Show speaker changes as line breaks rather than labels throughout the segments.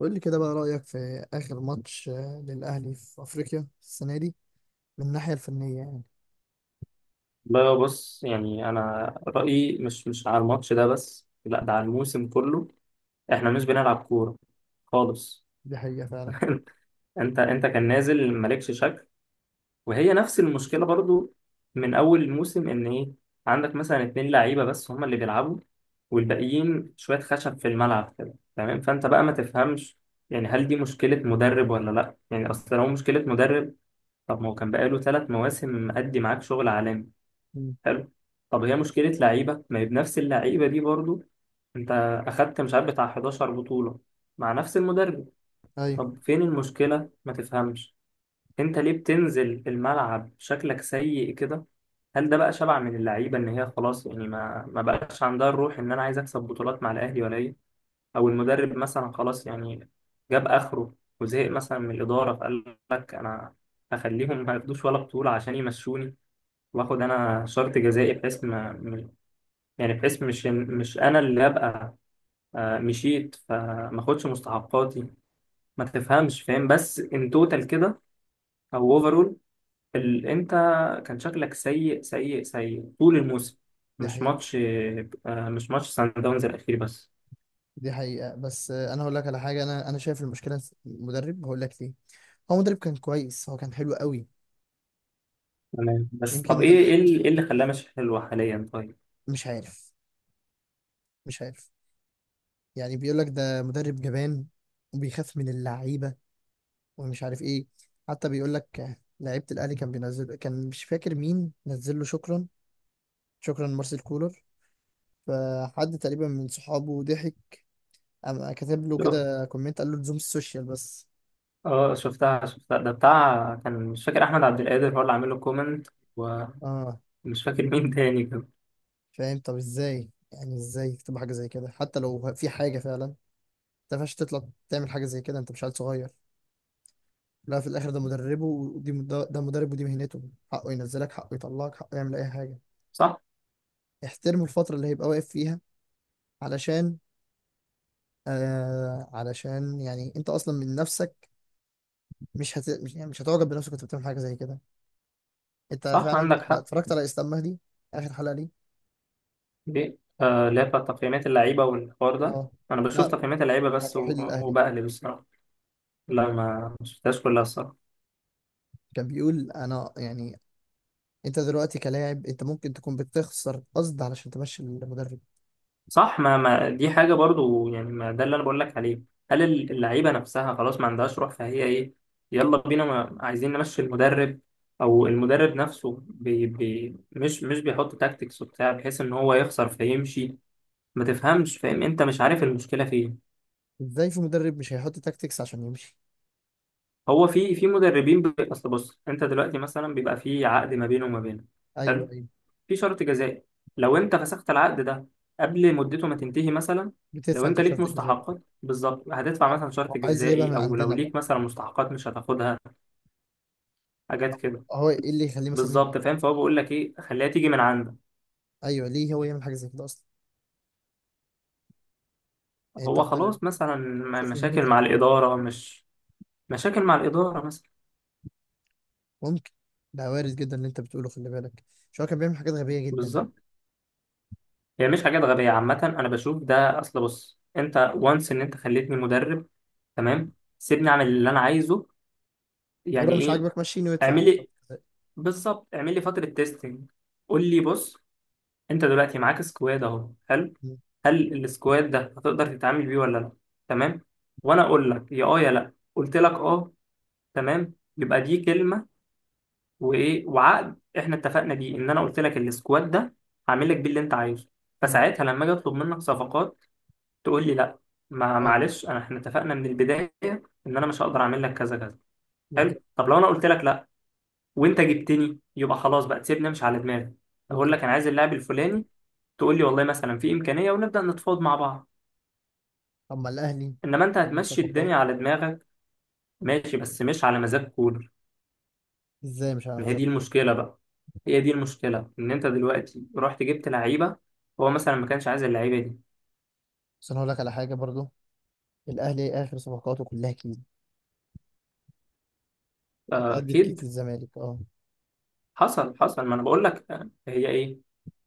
قول لي كده بقى رأيك في آخر ماتش للأهلي في أفريقيا السنة دي، من الناحية الفنية يعني.
بقى بص، يعني انا رايي مش على الماتش ده بس، لا ده على الموسم كله. احنا مش بنلعب كوره خالص.
دي حقيقة فعلا.
انت كان نازل مالكش شكل، وهي نفس المشكله برضو، من اول الموسم ان ايه، عندك مثلا اتنين لعيبه بس هما اللي بيلعبوا، والباقيين شويه خشب في الملعب كده، تمام، فانت بقى ما تفهمش. يعني هل دي مشكله مدرب ولا لا؟ يعني اصل لو مشكله مدرب، طب ما هو كان بقاله 3 مواسم مأدي معاك شغل عالمي.
مم.
حلو. طب هي مشكلة لعيبة؟ ما هي بنفس اللعيبة دي برضو، انت اخدت مش عارف بتاع 11 بطولة مع نفس المدرب.
أيوه.
طب فين المشكلة؟ ما تفهمش. انت ليه بتنزل الملعب شكلك سيء كده؟ هل ده بقى شبع من اللعيبة، ان هي خلاص يعني ما بقاش عندها الروح، ان انا عايز اكسب بطولات مع الاهلي، ولا ايه؟ او المدرب مثلا خلاص يعني جاب اخره، وزهق مثلا من الإدارة، فقال لك انا هخليهم ما ياخدوش ولا بطولة عشان يمشوني، واخد انا شرط جزائي بحيث ما، يعني بحيث مش انا اللي ابقى مشيت فما اخدش مستحقاتي. ما تفهمش، فاهم؟ بس ان توتال كده، او اوفرول، انت كان شكلك سيء سيء سيء طول الموسم،
دي
مش
حقيقة.
ماتش، مش ماتش سان داونز الاخير بس.
دي حقيقة بس أنا هقول لك على حاجة. أنا شايف المشكلة في المدرب، هقول لك ليه. هو مدرب كان كويس، هو كان حلو قوي.
تمام، بس طب
يمكن
ايه
ده.
ايه اللي إيه اللي خلاه مش حلو حاليا؟ طيب.
مش عارف مش عارف. يعني بيقول لك ده مدرب جبان وبيخاف من اللعيبة ومش عارف إيه. حتى بيقول لك لعيبة الأهلي كان بينزل، كان مش فاكر مين نزل له: شكرا، شكرا مارسيل كولر. فحد تقريبا من صحابه ضحك، قام كاتب له
شوف،
كده كومنت، قال له لزوم السوشيال بس.
اه، شفتها شفتها، ده بتاع كان مش فاكر، احمد عبد القادر هو اللي عامل له كومنت، ومش
اه.
فاكر مين تاني كده.
فاهم؟ طب ازاي، يعني ازاي يكتب حاجه زي كده؟ حتى لو في حاجه فعلا، انت ما ينفعش تطلع تعمل حاجه زي كده، انت مش عيل صغير. لا، في الاخر ده مدربه، ودي ده مدرب ودي مهنته. حقه ينزلك، حقه يطلعك، حقه يعمل اي حاجه.
صح،
احترمه الفتره اللي هيبقى واقف فيها، علشان علشان يعني انت اصلا من نفسك مش هت... مش يعني مش هتعجب بنفسك وانت بتعمل حاجه زي كده. انت
صح،
فعلا؟
عندك
لا،
حق.
اتفرجت على اسلام مهدي. اخر حلقه ليه؟
دي لا، تقييمات اللعيبة والحوار ده،
اه،
أنا بشوف
لا،
تقييمات اللعيبة بس
بتاعت رحيل الاهلي.
وبقلب الصراحة. لا، ما شفتهاش كلها الصراحة.
كان بيقول: انا يعني، انت دلوقتي كلاعب، انت ممكن تكون بتخسر قصد علشان تمشي المدرب.
صح، ما دي حاجة برضو، يعني ما ده اللي أنا بقول لك عليه. هل اللعيبة نفسها خلاص ما عندهاش روح، فهي إيه، يلا بينا، ما عايزين نمشي المدرب؟ أو المدرب نفسه، بي بي مش بيحط تاكتكس وبتاع، بحيث إن هو يخسر فيمشي. ما تفهمش، فاهم؟ أنت مش عارف المشكلة فين.
ازاي في مدرب مش هيحط تاكتكس عشان يمشي؟
هو في مدربين، أصل بص، أنت دلوقتي مثلا بيبقى في عقد ما بينه وما بينه،
ايوه، ايوه.
في شرط جزائي، لو انت فسخت العقد ده قبل مدته ما تنتهي مثلا، لو
بتدفع انت
انت ليك
شرط الجزاء.
مستحقات بالظبط هتدفع
اه،
مثلا شرط
هو عايز يجيبها
جزائي،
من
او لو
عندنا بقى.
ليك مثلا مستحقات مش هتاخدها، حاجات كده.
هو ايه اللي يخليه مثلا يمشي؟
بالظبط، فاهم؟ فهو بيقول لك ايه، خليها تيجي من عندك.
ايوه، ليه هو يعمل حاجه زي كده اصلا؟ يعني انت
هو
مدرب،
خلاص مثلا
شوف
مشاكل
مهنتك.
مع الاداره، مش مشاكل مع الاداره مثلا.
ممكن، ده وارد جدا اللي انت بتقوله، خلي بالك. شو؟ هو كان بيعمل حاجات غبيه جدا.
بالظبط. هي يعني مش حاجات غبيه عامه، انا بشوف، ده اصل بص، انت وانس، ان انت خليتني مدرب، تمام، سيبني اعمل اللي انا عايزه،
هو
يعني
لو مش
ايه؟
عاجبك مشيني وادفع شرط
اعملي.
جزاء.
بالظبط، اعمل لي فترة تيستنج، قول لي بص، انت دلوقتي معاك سكواد اهو، هل
م.
هل السكواد ده هتقدر تتعامل بيه ولا لا؟ تمام، وانا اقول لك يا اه يا لا. قلت لك اه، تمام، يبقى دي كلمة. وايه، وعقد احنا اتفقنا بيه، ان انا قلت لك السكواد ده هعمل لك بيه اللي انت عايزه،
م.
فساعتها لما اجي اطلب منك صفقات تقول لي لا. ما
ايوه.
معلش، انا احنا اتفقنا من البداية، ان انا مش هقدر اعمل لك كذا كذا.
بالظبط.
حلو. طب لو انا قلت لك لا وانت جبتني، يبقى خلاص بقى تسيبني امشي على دماغي، اقول
بالظبط.
لك انا عايز اللاعب الفلاني، تقول لي والله مثلا في امكانيه، ونبدا نتفاوض مع بعض.
طب ما الاهلي
انما انت
بيجيب
هتمشي
صفقات.
الدنيا على دماغك، ماشي، بس مش على مزاج كولر.
ازاي مش على
ما هي دي
مزاجكم؟
المشكله بقى، هي دي المشكله، ان انت دلوقتي رحت جبت لعيبه هو مثلا ما كانش عايز اللعيبه دي.
بس انا هقول لك على حاجه برضو، الاهلي اخر صفقاته كلها كيد. اتقدت كيد في
اكيد.
الزمالك، اه.
حصل حصل، ما انا بقول لك، هي ايه،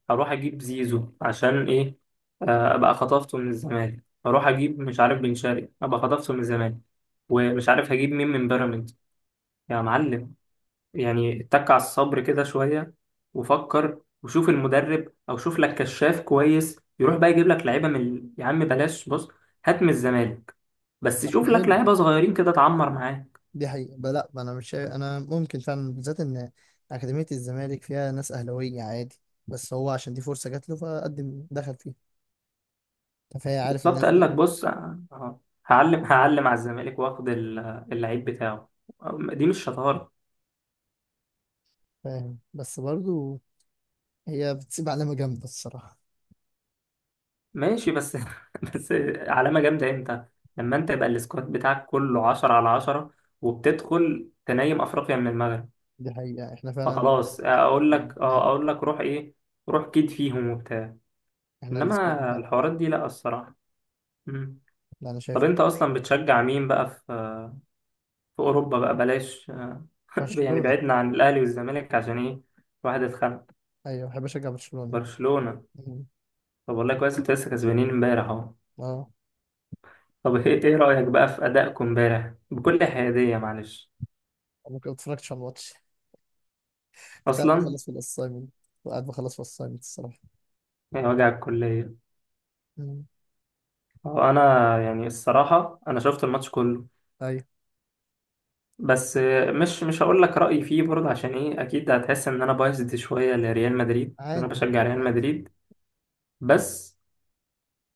هروح اجيب زيزو عشان ايه؟ ابقى خطفته من الزمالك، هروح اجيب مش عارف بن شرقي ابقى خطفته من الزمالك، ومش عارف هجيب مين من بيراميدز. يا معلم، يعني اتك على الصبر كده شوية، وفكر وشوف المدرب، أو شوف لك كشاف كويس يروح بقى يجيب لك لعيبة من يا عم بلاش. بص، هات من الزمالك، بس
طب،
شوف لك
حلو.
لعيبة صغيرين كده اتعمر معاه.
دي حقيقه بقى. لا، ما انا مش شايف، انا ممكن فعلا بالذات ان اكاديميه الزمالك فيها ناس اهلاويه عادي، بس هو عشان دي فرصه جات له فقدم دخل فيها. أنت فهي عارف
بالظبط،
الناس
قال
دي.
لك بص، هعلم هعلم على الزمالك واخد اللعيب بتاعه، دي مش شطارة.
فاهم، بس برضو هي بتسيب علامه جامده الصراحه.
ماشي، بس بس، علامة جامدة امتى؟ لما انت يبقى السكواد بتاعك كله 10 على 10 وبتدخل تنايم أفريقيا من المغرب،
دي حقيقه، احنا فعلا
فخلاص،
السكواد
اقول
بتاعنا
لك
مات.
اه اقول لك روح، روح كيد فيهم وبتاع.
احنا السكواد
انما
بتاعنا خلاص.
الحوارات دي لا، الصراحه. مم.
لا، انا شايف
طب
كده.
انت اصلا بتشجع مين بقى في اوروبا؟ بقى بلاش، يعني
برشلونه.
بعدنا عن الاهلي والزمالك عشان ايه؟ واحد اتخانق.
ايوه، بحب اشجع برشلونه.
برشلونه.
مم.
طب والله كويس، انت لسه كسبانين امبارح اهو.
اه.
طب إيه رايك بقى في ادائكم امبارح؟ بكل حياديه، معلش.
انا كنت اتفرجتش على الماتش، كنت قاعد
اصلا.
بخلص في الاسايمنت كنت قاعد بخلص في الاسايمنت الصراحه.
يا وجع الكليه.
مم.
هو انا، يعني الصراحه، انا شفت الماتش كله،
ايوه،
بس مش هقول لك رأيي فيه برضه. عشان ايه؟ اكيد هتحس ان انا بايظد شوية لريال مدريد، ان انا
عادي
بشجع ريال
عادي.
مدريد، بس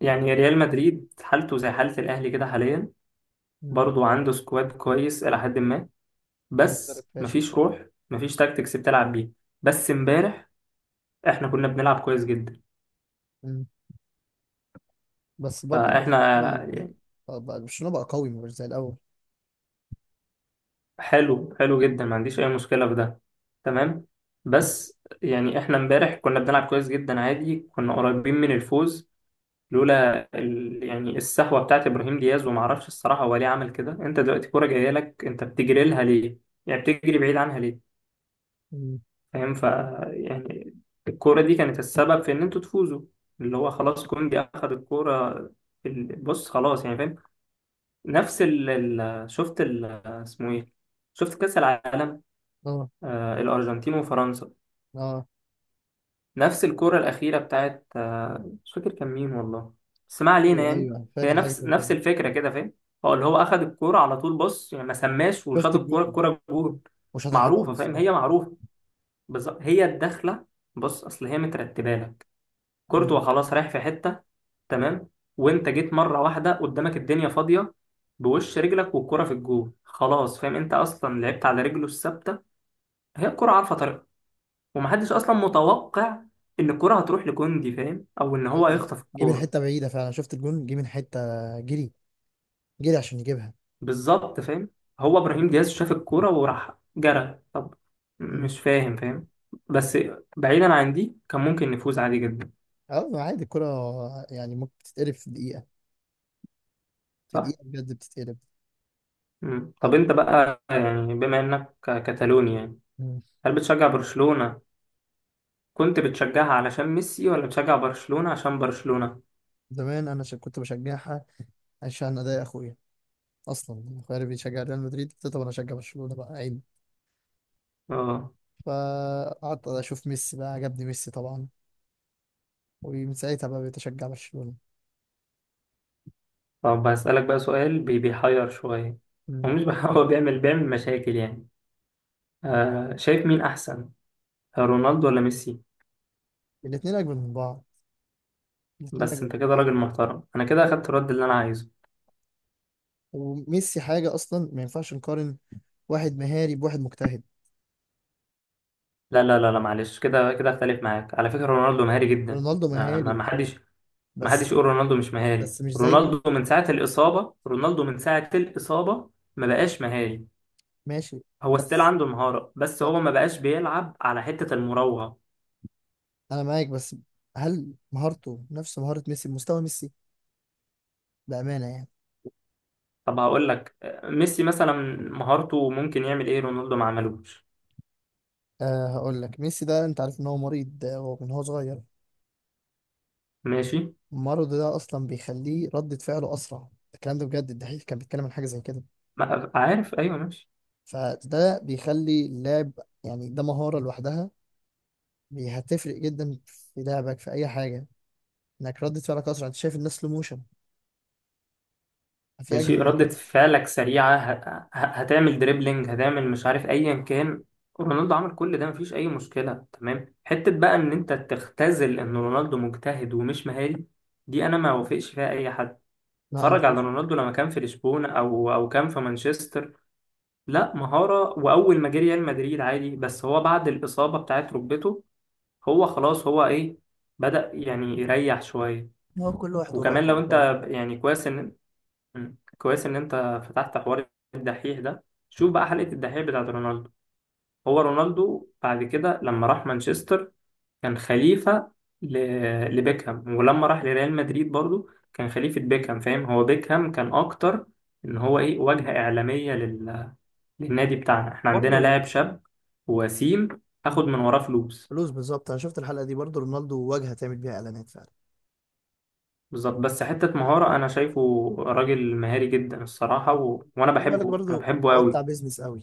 يعني ريال مدريد حالته زي حالة الاهلي كده حاليا،
مم.
برضه عنده سكواد كويس الى حد ما،
هو مدرب
بس
فاشل.
مفيش روح، مفيش تاكتكس بتلعب بيه. بس امبارح احنا كنا بنلعب كويس جدا،
مم. بس برضه
فاحنا،
برشلونه بقى قوي مش زي الاول.
حلو حلو جدا ما عنديش اي مشكلة في ده. تمام. بس يعني احنا امبارح كنا بنلعب كويس جدا عادي، كنا قريبين من الفوز، لولا يعني السهوه بتاعت ابراهيم دياز، وما اعرفش الصراحه هو ليه عمل كده. انت دلوقتي كوره جايه لك، انت بتجري لها ليه؟ يعني بتجري بعيد عنها ليه؟
مم.
فاهم، يعني الكوره دي كانت السبب في ان انتوا تفوزوا، اللي هو خلاص كوندي اخذ الكوره. بص خلاص يعني، فاهم، نفس شفت اسمه ايه، شفت كاس العالم،
اه،
آه، الارجنتين وفرنسا،
اه.
نفس الكرة الأخيرة بتاعت، مش فاكر كان مين والله، بس ما علينا
ايوه،
يعني.
ايوه،
هي
فاكر حاجه
نفس
زي كده.
نفس الفكرة كده، فاهم. هو اللي هو أخد الكرة على طول، بص يعني ما سماش
شفت
وشاط الكرة
الجون،
الكرة جول.
وشاطها حلو قوي
معروفة، فاهم،
الصراحه.
هي معروفة. بالظبط، هي الدخلة، بص أصل هي مترتبة لك،
مم.
كورتوا خلاص رايح في حتة، تمام، وأنت جيت مرة واحدة قدامك الدنيا فاضية، بوش رجلك والكرة في الجول خلاص. فاهم؟ أنت أصلا لعبت على رجله الثابتة، هي الكرة عارفة، ومحدش اصلا متوقع ان الكرة هتروح لكوندي، فاهم، او ان هو
ايوه،
هيخطف
جه من
الكورة.
حته بعيده فعلا، شفت الجون جه من حته، جري جري عشان يجيبها.
بالظبط، فاهم. هو ابراهيم دياز شاف الكورة وراح جرى. طب
مم.
مش فاهم، فاهم، بس بعيدا عن دي كان ممكن نفوز عادي جدا.
اه، عادي الكرة، يعني ممكن تتقلب في دقيقة، في
صح.
دقيقة بجد بتتقلب.
مم. طب
آه.
انت بقى، يعني بما انك كتالوني يعني،
مم.
هل بتشجع برشلونة؟ كنت بتشجعها علشان ميسي ولا بتشجع برشلونة عشان برشلونة؟
زمان، انا كنت بشجعها عشان اضايق اخويا. اصلا اخويا اللي بيشجع ريال مدريد، قلت له: طب انا اشجع برشلونه، بقى عيب؟
اه.
فقعدت اشوف ميسي، بقى عجبني ميسي طبعا، ومن ساعتها بقى بقيت اشجع برشلونه.
طب هسألك بقى سؤال، بيحير شوية.
مم.
هو مش بح- هو بيعمل مشاكل يعني. آه، شايف مين احسن، رونالدو ولا ميسي؟
الاتنين اجمل من بعض. الاتنين اجمل
بس
من
انت كده
بعض.
راجل محترم، انا كده
الاتنين
اخدت الرد
جامدين.
اللي انا عايزه.
وميسي حاجه اصلا، ما ينفعش نقارن. واحد مهاري بواحد مجتهد.
لا لا لا لا، معلش. كده كده اختلف معاك. على فكرة رونالدو مهاري جدا،
رونالدو
ما ما
مهاري
ما حدش، ما حدش
بس.
يقول رونالدو مش مهاري.
بس مش زي...
رونالدو من ساعة الإصابة ما بقاش مهاري.
ماشي.
هو ستيل
بس
عنده مهارة، بس هو
بس-
ما بقاش بيلعب على حتة المراوغة.
انا معاك، بس هل مهارته نفس مهاره ميسي، بمستوى ميسي، بامانه يعني؟
طب هقول لك، ميسي مثلا مهارته ممكن يعمل ايه رونالدو ما عملوش؟
أه، هقول لك ميسي ده انت عارف ان هو مريض من هو صغير.
ماشي.
المرض ده اصلا بيخليه ردة فعله اسرع. الكلام ده بجد الدحيح كان بيتكلم عن حاجة زي كده.
عارف، ايوه، ماشي.
فده بيخلي اللاعب، يعني ده مهارة لوحدها. هتفرق جدا في لعبك، في اي حاجة. انك ردة فعلك اسرع، انت شايف الناس سلو موشن. في
ماشي،
اجمد من
ردة
كده؟
فعلك سريعة، هتعمل دريبلينج، هتعمل مش عارف أيا كان، رونالدو عمل كل ده، مفيش أي مشكلة. تمام، حتة بقى إن أنت تختزل إن رونالدو مجتهد ومش مهاري، دي أنا ما وافقش فيها أي حد.
لا، انا
اتفرج على
شايف.
رونالدو لما كان في لشبونة، أو كان في مانشستر، لا مهارة. وأول ما جه ريال مدريد عادي، بس هو بعد الإصابة بتاعت ركبته هو خلاص، هو إيه، بدأ يعني يريح شوية.
هو كل واحد وراء
وكمان لو
طبعا. طيب.
انت يعني، كويس ان، كويس ان انت فتحت حوار الدحيح ده. شوف بقى حلقة الدحيح بتاعت رونالدو. هو رونالدو بعد كده لما راح مانشستر كان خليفة ل... لبيكهام، ولما راح لريال مدريد برضو كان خليفة بيكهام، فاهم، هو بيكهام كان اكتر ان هو ايه، واجهة اعلامية للنادي بتاعنا، احنا عندنا
برضه.
لاعب شاب وسيم، هاخد
مم.
من وراه فلوس.
فلوس بالظبط، انا شفت الحلقه دي برضه، رونالدو واجهه تعمل بيها اعلانات فعلا.
بالظبط، بس حتة مهارة انا شايفه راجل مهاري جدا الصراحة،
طب،
وانا
خلي بالك
بحبه، انا
برضه،
بحبه
هو بتاع
قوي.
بيزنس قوي.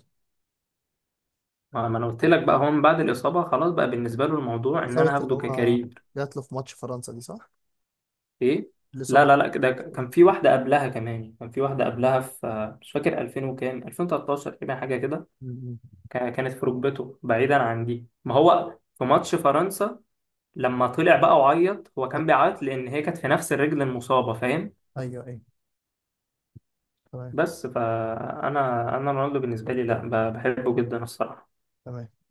ما انا قلت لك بقى، هو من بعد الاصابه خلاص بقى بالنسبه له الموضوع ان
إصابة
انا
اللي
هاخده
هو
ككارير.
جات له في ماتش فرنسا دي صح؟
ايه؟ لا
الإصابة
لا
اللي
لا،
جات له في
ده
ماتش
كان في
فرنسا.
واحده قبلها كمان، كان في واحده قبلها في مش فاكر 2000 وكام، 2013 تقريبا، حاجه كده.
م.
كانت في ركبته، بعيدا عن دي، ما هو في ماتش فرنسا لما طلع بقى وعيط، هو كان
أيوه،
بيعيط لان هي كانت في نفس الرجل المصابه، فاهم.
أيوه، أيوه. تمام،
بس فانا، انا رونالدو بالنسبه لي، لا بحبه جدا الصراحه.
تمام.